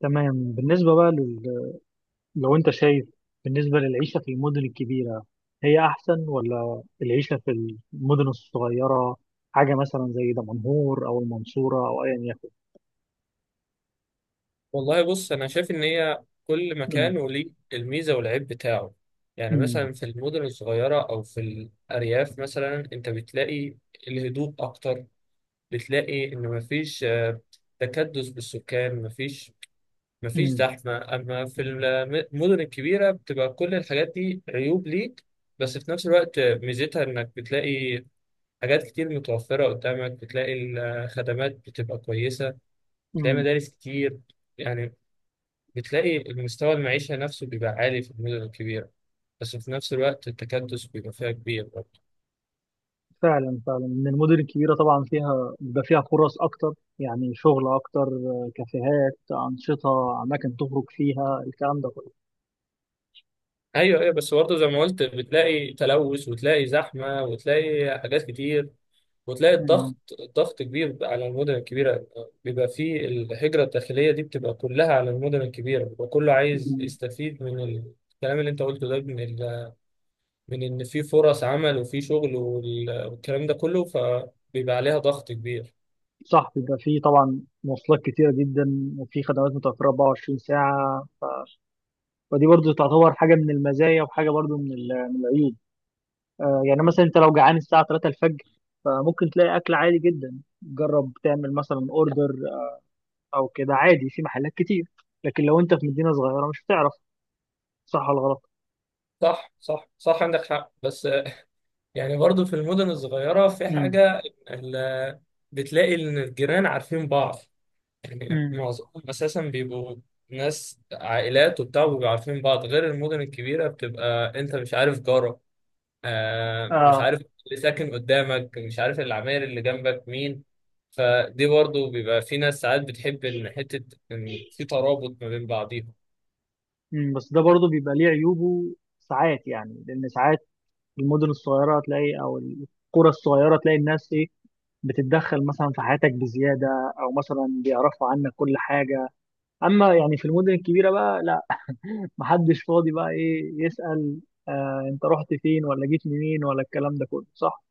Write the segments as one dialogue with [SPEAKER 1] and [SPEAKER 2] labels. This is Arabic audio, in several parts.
[SPEAKER 1] تمام بالنسبة بقى لو أنت شايف بالنسبة للعيشة في المدن الكبيرة، هي أحسن ولا العيشة في المدن الصغيرة، حاجة مثلا زي دمنهور أو المنصورة أو أيا يكن.
[SPEAKER 2] والله بص، انا شايف ان هي كل
[SPEAKER 1] أمم،
[SPEAKER 2] مكان وليه الميزه والعيب بتاعه. يعني
[SPEAKER 1] أمم،
[SPEAKER 2] مثلا في المدن الصغيره او في الارياف مثلا انت بتلاقي الهدوء اكتر. بتلاقي ان مفيش تكدس بالسكان، مفيش
[SPEAKER 1] أمم،
[SPEAKER 2] زحمه. اما في المدن الكبيره بتبقى كل الحاجات دي عيوب ليك، بس في نفس الوقت ميزتها انك بتلاقي حاجات كتير متوفره قدامك. بتلاقي الخدمات بتبقى كويسه، بتلاقي
[SPEAKER 1] أمم.
[SPEAKER 2] مدارس كتير. يعني بتلاقي المستوى المعيشة نفسه بيبقى عالي في المدن الكبيرة، بس في نفس الوقت التكدس بيبقى فيها كبير برضه.
[SPEAKER 1] فعلا فعلا إن المدن الكبيرة طبعا فيها بيبقى فيها فرص أكتر، يعني شغل أكتر، كافيهات، أنشطة، أماكن تخرج فيها، الكلام ده كله.
[SPEAKER 2] أيوه، أيوه، بس برضه زي ما قلت بتلاقي تلوث وتلاقي زحمة وتلاقي حاجات كتير وتلاقي
[SPEAKER 1] أمم،
[SPEAKER 2] الضغط، ضغط كبير على المدن الكبيرة. بيبقى فيه الهجرة الداخلية دي بتبقى كلها على المدن الكبيرة، بيبقى كله عايز
[SPEAKER 1] أمم.
[SPEAKER 2] يستفيد من الكلام اللي أنت قلته ده، من إن في فرص عمل وفي شغل وال- والكلام ده كله، فبيبقى عليها ضغط كبير.
[SPEAKER 1] صح، بيبقى فيه طبعا مواصلات كتيرة جدا وفي خدمات متوفرة 24 ساعة، ودي برضو تعتبر حاجة من المزايا وحاجة برضو من من العيوب. يعني مثلا انت لو جعان الساعة 3 الفجر فممكن تلاقي أكل عادي جدا، جرب تعمل مثلا اوردر أو كده عادي في محلات كتير. لكن لو انت في مدينة صغيرة مش هتعرف صح ولا غلط.
[SPEAKER 2] صح، صح، صح، عندك حق. بس يعني برضو في المدن الصغيرة في
[SPEAKER 1] امم،
[SPEAKER 2] حاجة، ال- بتلاقي إن الجيران عارفين بعض. يعني
[SPEAKER 1] امم،
[SPEAKER 2] معظمهم أساسا بيبقوا ناس عائلات وبتاع وبيبقوا عارفين بعض، غير المدن الكبيرة بتبقى أنت مش عارف جارك، مش
[SPEAKER 1] اه،
[SPEAKER 2] عارف اللي ساكن قدامك، مش عارف العماير اللي جنبك مين. فدي برضو بيبقى في ناس ساعات بتحب إن حتة إن في ترابط ما بين بعضيهم.
[SPEAKER 1] امم. بس ده برضو بيبقى ليه عيوبه ساعات، يعني لأن ساعات المدن الصغيرة تلاقي أو القرى الصغيرة تلاقي الناس إيه، بتتدخل مثلا في حياتك بزيادة، أو مثلا بيعرفوا عنك كل حاجة. أما يعني في المدن الكبيرة بقى محدش فاضي بقى ايه يسأل آه انت رحت فين ولا جيت منين ولا الكلام ده كله، صح.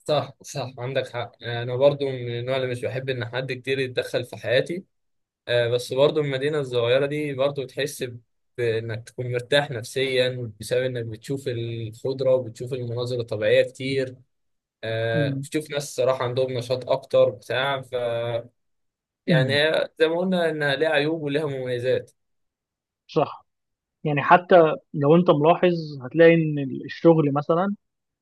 [SPEAKER 2] صح، صح، عندك حق. أنا برضو من النوع اللي مش بحب إن حد كتير يتدخل في حياتي. آه، بس برضه المدينة الصغيرة دي برضه تحس بإنك تكون مرتاح نفسيا بسبب إنك بتشوف الخضرة وبتشوف المناظر الطبيعية كتير.
[SPEAKER 1] مم.
[SPEAKER 2] بتشوف ناس صراحة عندهم نشاط أكتر بتاع ف يعني
[SPEAKER 1] مم.
[SPEAKER 2] هي زي ما قلنا إنها ليها عيوب وليها مميزات.
[SPEAKER 1] صح، يعني حتى لو انت ملاحظ هتلاقي ان الشغل مثلا،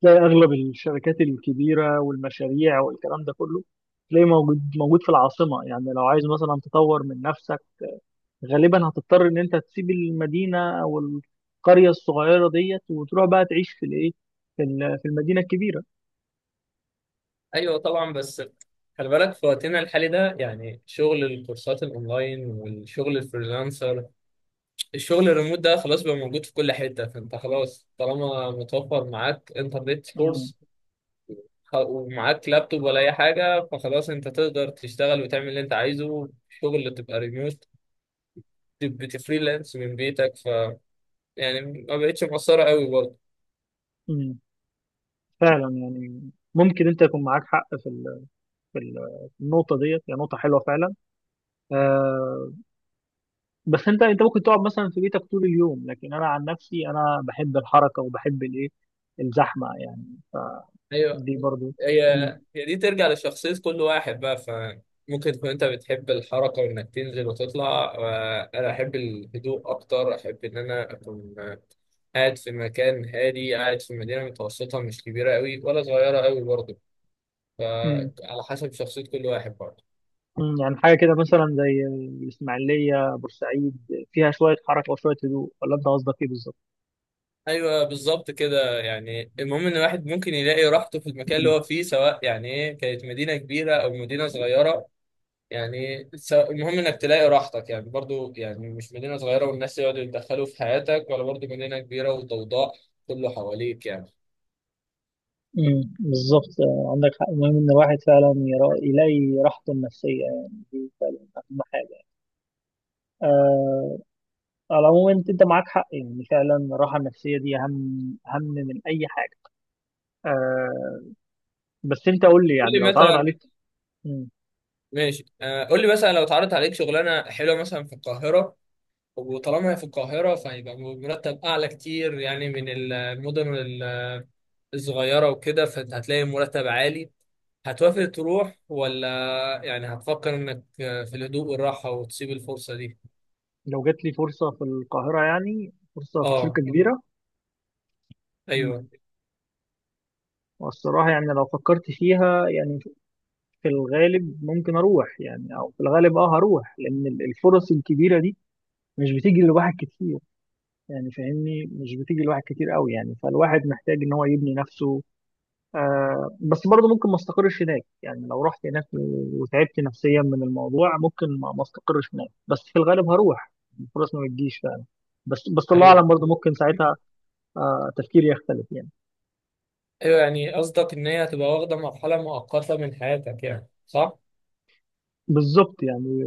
[SPEAKER 1] تلاقي اغلب الشركات الكبيره والمشاريع والكلام ده كله تلاقي موجود موجود في العاصمه. يعني لو عايز مثلا تطور من نفسك غالبا هتضطر ان انت تسيب المدينه او القريه الصغيره ديت وتروح بقى تعيش في الايه، في في المدينه الكبيره.
[SPEAKER 2] أيوة، طبعا. بس خلي بالك في وقتنا الحالي ده، يعني شغل الكورسات الأونلاين والشغل الفريلانسر، الشغل الريموت ده خلاص بقى موجود في كل حتة. فأنت خلاص طالما متوفر معاك انترنت
[SPEAKER 1] مم.
[SPEAKER 2] سورس ومعاك لابتوب ولا اي حاجه، فخلاص انت تقدر تشتغل وتعمل اللي انت عايزه. شغل تبقى ريموت، بتفريلانس من بيتك، ف يعني ما بقتش مقصره قوي برضه.
[SPEAKER 1] مم. فعلا يعني ممكن انت يكون معاك حق في في في النقطه ديت، هي نقطه حلوه فعلا. آه، بس انت ممكن تقعد مثلا في بيتك طول اليوم، لكن انا عن نفسي انا بحب الحركه وبحب الايه، الزحمه يعني،
[SPEAKER 2] ايوه.
[SPEAKER 1] دي برضو.
[SPEAKER 2] هي
[SPEAKER 1] مم.
[SPEAKER 2] هي دي ترجع لشخصيه كل واحد بقى. ف ممكن تكون انت بتحب الحركه وانك تنزل وتطلع، انا احب الهدوء اكتر. احب ان انا اكون قاعد في مكان هادي، قاعد في مدينه متوسطه، مش كبيره قوي ولا صغيره قوي برضه.
[SPEAKER 1] مم.
[SPEAKER 2] فعلى حسب شخصيه كل واحد برضه.
[SPEAKER 1] مم. يعني حاجه كده مثلا زي الاسماعيليه بورسعيد فيها شويه حركه وشويه هدوء، ولا انت قصدك ايه بالظبط؟
[SPEAKER 2] ايوه، بالظبط كده. يعني المهم ان الواحد ممكن يلاقي راحته في المكان اللي
[SPEAKER 1] مم.
[SPEAKER 2] هو فيه، سواء يعني ايه كانت مدينه كبيره او مدينه صغيره. يعني المهم انك تلاقي راحتك، يعني برضو يعني مش مدينه صغيره والناس يقعدوا يتدخلوا في حياتك، ولا برضو مدينه كبيره وضوضاء كله حواليك يعني.
[SPEAKER 1] مم. بالظبط، عندك حق، المهم ان الواحد فعلا يلاقي راحته النفسيه، يعني دي فعلا اهم حاجه. آه على العموم انت معاك حق، يعني فعلا الراحه النفسيه دي اهم اهم من اي حاجه. آه بس انت قول لي
[SPEAKER 2] قول
[SPEAKER 1] يعني لو
[SPEAKER 2] لي
[SPEAKER 1] اتعرض
[SPEAKER 2] مثلا.
[SPEAKER 1] عليك. مم.
[SPEAKER 2] ماشي، آه، قول لي مثلا، لو اتعرضت عليك شغلانه حلوه مثلا في القاهره، وطالما هي في القاهره فهيبقى مرتب اعلى كتير يعني من المدن الصغيره وكده، فهتلاقي مرتب عالي، هتوافق تروح ولا يعني هتفكر انك في الهدوء والراحة وتسيب الفرصة دي؟
[SPEAKER 1] لو جات لي فرصه في القاهره، يعني فرصه في
[SPEAKER 2] اه،
[SPEAKER 1] شركه كبيره.
[SPEAKER 2] ايوه.
[SPEAKER 1] مم. والصراحه يعني لو فكرت فيها يعني، في الغالب ممكن اروح، يعني او في الغالب هروح لان الفرص الكبيره دي مش بتيجي لواحد كتير. يعني فاهمني، مش بتيجي لواحد كتير قوي، يعني فالواحد محتاج ان هو يبني نفسه. بس برضه ممكن ما استقرش هناك، يعني لو رحت هناك وتعبت نفسيا من الموضوع ممكن ما استقرش هناك. بس في الغالب هروح، الفرص ما بتجيش فعلا. بس بس الله
[SPEAKER 2] ايوه،
[SPEAKER 1] اعلم، برضه ممكن ساعتها تفكيري يختلف يعني.
[SPEAKER 2] ايوه، يعني قصدك ان هي هتبقى واخدة مرحلة مؤقتة من حياتك يعني، صح؟
[SPEAKER 1] بالظبط يعني،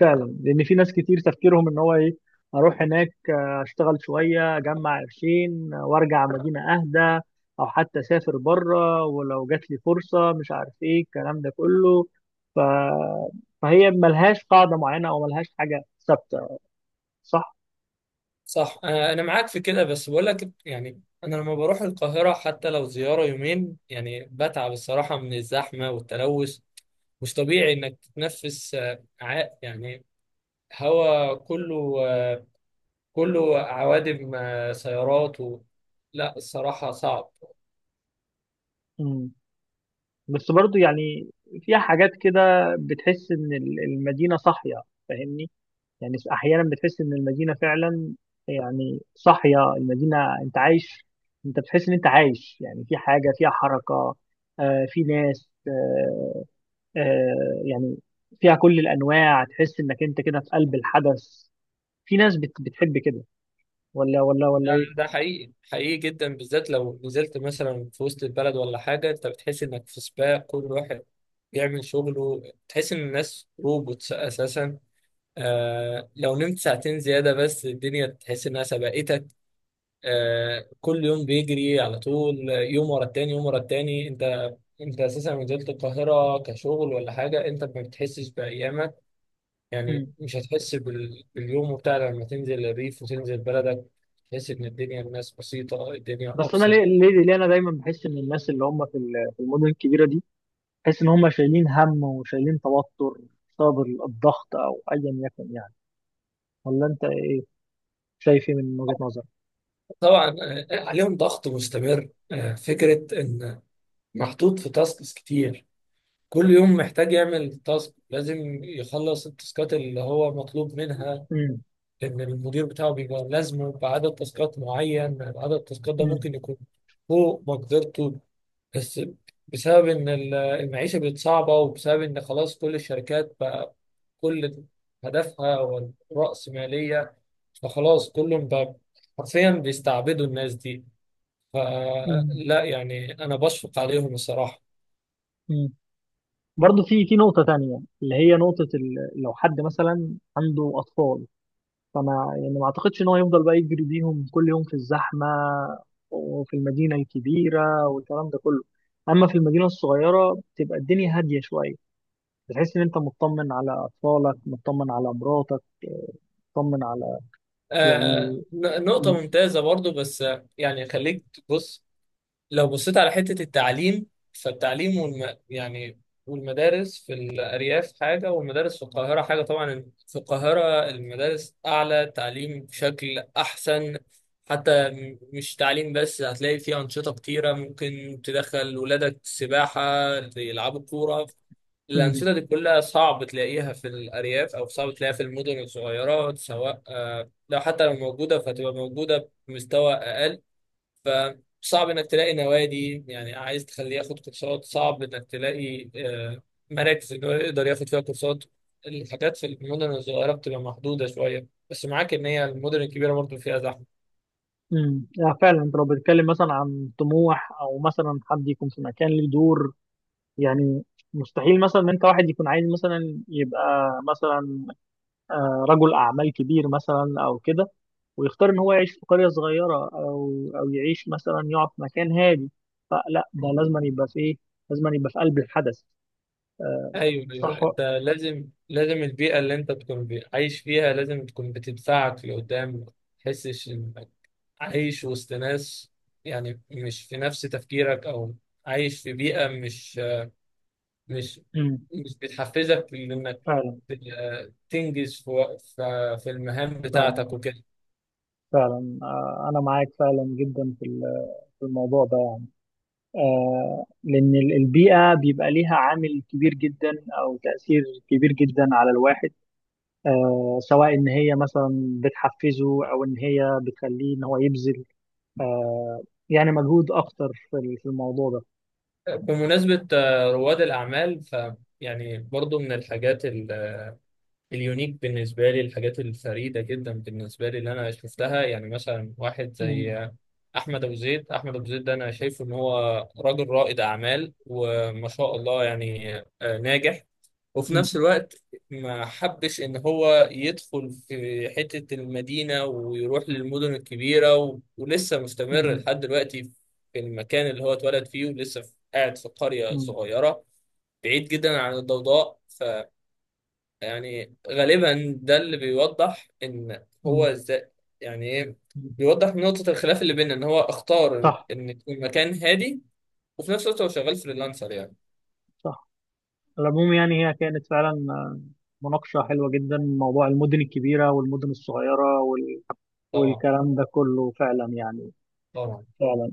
[SPEAKER 1] فعلا لان في ناس كتير تفكيرهم ان هو ايه، اروح هناك اشتغل شويه اجمع قرشين وارجع مدينه اهدى، او حتى اسافر بره ولو جات لي فرصه مش عارف ايه الكلام ده كله. ف... فهي ملهاش قاعده معينه او ملهاش حاجه ثابته، صح.
[SPEAKER 2] صح. انا معاك في كده، بس بقول لك يعني انا لما بروح القاهرة حتى لو زيارة يومين يعني بتعب الصراحة من الزحمة والتلوث. مش طبيعي انك تتنفس، يعني هوا كله، كله عوادم، سيارات لا، الصراحة صعب.
[SPEAKER 1] مم. بس برضو يعني فيها حاجات كده، بتحس ان المدينه صاحيه، فاهمني. يعني احيانا بتحس ان المدينه فعلا، يعني صاحيه المدينه، انت عايش، انت بتحس ان انت عايش يعني، في حاجه فيها حركه، في ناس، يعني فيها كل الانواع، تحس انك انت كده في قلب الحدث. في ناس بتحب كده، ولا
[SPEAKER 2] ده
[SPEAKER 1] ايه؟
[SPEAKER 2] ده حقيقي، حقيقي جدا، بالذات لو نزلت مثلا في وسط البلد ولا حاجة. انت بتحس انك في سباق، كل واحد بيعمل شغله. تحس ان الناس روبوتس اساسا. لو نمت ساعتين زيادة بس الدنيا تحس انها سبقتك. كل يوم بيجري على طول، يوم ورا التاني يوم ورا التاني. انت اساسا لو نزلت القاهرة كشغل ولا حاجة انت ما بتحسش بأيامك. يعني
[SPEAKER 1] مم.
[SPEAKER 2] مش هتحس باليوم بتاع لما تنزل الريف وتنزل بلدك. تحس إن الدنيا، الناس بسيطة، الدنيا
[SPEAKER 1] بس انا
[SPEAKER 2] أبسط.
[SPEAKER 1] ليه انا دايما بحس ان الناس اللي هم في في المدن الكبيره دي، بحس ان هم شايلين هم وشايلين توتر بسبب الضغط او ايا يكن يعني، ولا انت شايف ايه من وجهه نظرك؟
[SPEAKER 2] طبعا، عليهم ضغط مستمر. فكرة إن محطوط في تاسكس كتير، كل يوم محتاج يعمل تاسك، لازم يخلص التاسكات اللي هو مطلوب منها.
[SPEAKER 1] مم.
[SPEAKER 2] إن المدير بتاعه بيبقى لازمه بعدد تاسكات معين، عدد التاسكات ده
[SPEAKER 1] مم.
[SPEAKER 2] ممكن يكون فوق مقدرته. بس بسبب ان المعيشه بقت صعبه، وبسبب ان خلاص كل الشركات بقى كل هدفها هو الرأسمالية. فخلاص كلهم بقى حرفيا بيستعبدوا الناس دي.
[SPEAKER 1] مم.
[SPEAKER 2] فلا، يعني انا بشفق عليهم الصراحه.
[SPEAKER 1] مم. برضه في نقطة تانية اللي هي نقطة لو حد مثلا عنده أطفال، فما يعني ما أعتقدش إن هو يفضل بقى يجري بيهم كل يوم في الزحمة وفي المدينة الكبيرة والكلام ده كله. أما في المدينة الصغيرة بتبقى الدنيا هادية شوية، بتحس إن أنت مطمن على أطفالك، مطمن على مراتك، مطمن على
[SPEAKER 2] آه،
[SPEAKER 1] يعني.
[SPEAKER 2] نقطه
[SPEAKER 1] مم.
[SPEAKER 2] ممتازه برضو. بس يعني خليك تبص، لو بصيت على حتة التعليم، فالتعليم يعني والمدارس في الأرياف حاجة والمدارس في القاهرة حاجة. طبعا في القاهرة المدارس أعلى تعليم بشكل أحسن. حتى مش تعليم بس، هتلاقي فيه أنشطة كتيرة، ممكن تدخل ولادك سباحة، يلعبوا كورة.
[SPEAKER 1] مم.
[SPEAKER 2] الأنشطة دي كلها صعب تلاقيها في الأرياف أو صعب تلاقيها في المدن الصغيرة، سواء لو حتى لو موجودة فهتبقى موجودة بمستوى أقل. فصعب انك تلاقي نوادي، يعني عايز تخليه ياخد كورسات، صعب انك تلاقي مراكز ان هو يقدر ياخد فيها كورسات. الحاجات في المدن الصغيره بتبقى محدوده شويه، بس معاك ان هي المدن الكبيره برضو فيها زحمه.
[SPEAKER 1] مم. فعلا، أنت لو بتتكلم مثلا عن طموح أو مثلا حد يكون في مكان ليه دور، يعني مستحيل مثلا ان انت واحد يكون عايز مثلا يبقى مثلا رجل اعمال كبير مثلا او كده، ويختار ان هو يعيش في قريه صغيره او يعيش مثلا يقعد في مكان هادي. فلا، ده لازم يبقى في ايه، لازم يبقى في قلب الحدث.
[SPEAKER 2] ايوه،
[SPEAKER 1] صح
[SPEAKER 2] ايوه.
[SPEAKER 1] بالظبط.
[SPEAKER 2] انت لازم البيئه اللي انت تكون عايش فيها لازم تكون بتدفعك لقدام ما تحسش انك عايش وسط ناس يعني مش في نفس تفكيرك، او عايش في بيئه مش
[SPEAKER 1] مم.
[SPEAKER 2] مش بتحفزك لانك
[SPEAKER 1] فعلا
[SPEAKER 2] تنجز في المهام
[SPEAKER 1] فعلا
[SPEAKER 2] بتاعتك وكده.
[SPEAKER 1] فعلا، انا معاك فعلا جدا في في الموضوع ده، يعني لان البيئه بيبقى ليها عامل كبير جدا او تاثير كبير جدا على الواحد، سواء ان هي مثلا بتحفزه او ان هي بتخليه ان هو يبذل، آه، يعني مجهود اكتر في في الموضوع ده.
[SPEAKER 2] بمناسبة رواد الأعمال، ف يعني برضو من الحاجات اليونيك بالنسبة لي، الحاجات الفريدة جدا بالنسبة لي اللي أنا شفتها، يعني مثلا واحد زي
[SPEAKER 1] مم.
[SPEAKER 2] أحمد أبو زيد، أحمد أبو زيد ده أنا شايفه إن هو راجل رائد أعمال وما شاء الله، يعني ناجح. وفي
[SPEAKER 1] مم.
[SPEAKER 2] نفس الوقت ما حبش ان هو يدخل في حتة المدينة ويروح للمدن الكبيرة ولسه مستمر
[SPEAKER 1] مم.
[SPEAKER 2] لحد دلوقتي في المكان اللي هو اتولد فيه، ولسه قاعد في قرية
[SPEAKER 1] مم.
[SPEAKER 2] صغيرة بعيد جدا عن الضوضاء. فيعني غالبا ده اللي بيوضح ان هو
[SPEAKER 1] مم.
[SPEAKER 2] ازاي، يعني ايه، بيوضح نقطة الخلاف اللي بيننا ان هو اختار
[SPEAKER 1] صح
[SPEAKER 2] ان يكون مكان هادي، وفي نفس الوقت هو شغال فريلانسر يعني.
[SPEAKER 1] صح. على العموم يعني هي كانت فعلا مناقشة حلوة جدا، موضوع المدن الكبيرة والمدن الصغيرة
[SPEAKER 2] طبعا،
[SPEAKER 1] والكلام ده كله فعلا يعني،
[SPEAKER 2] طبعا.
[SPEAKER 1] فعلا.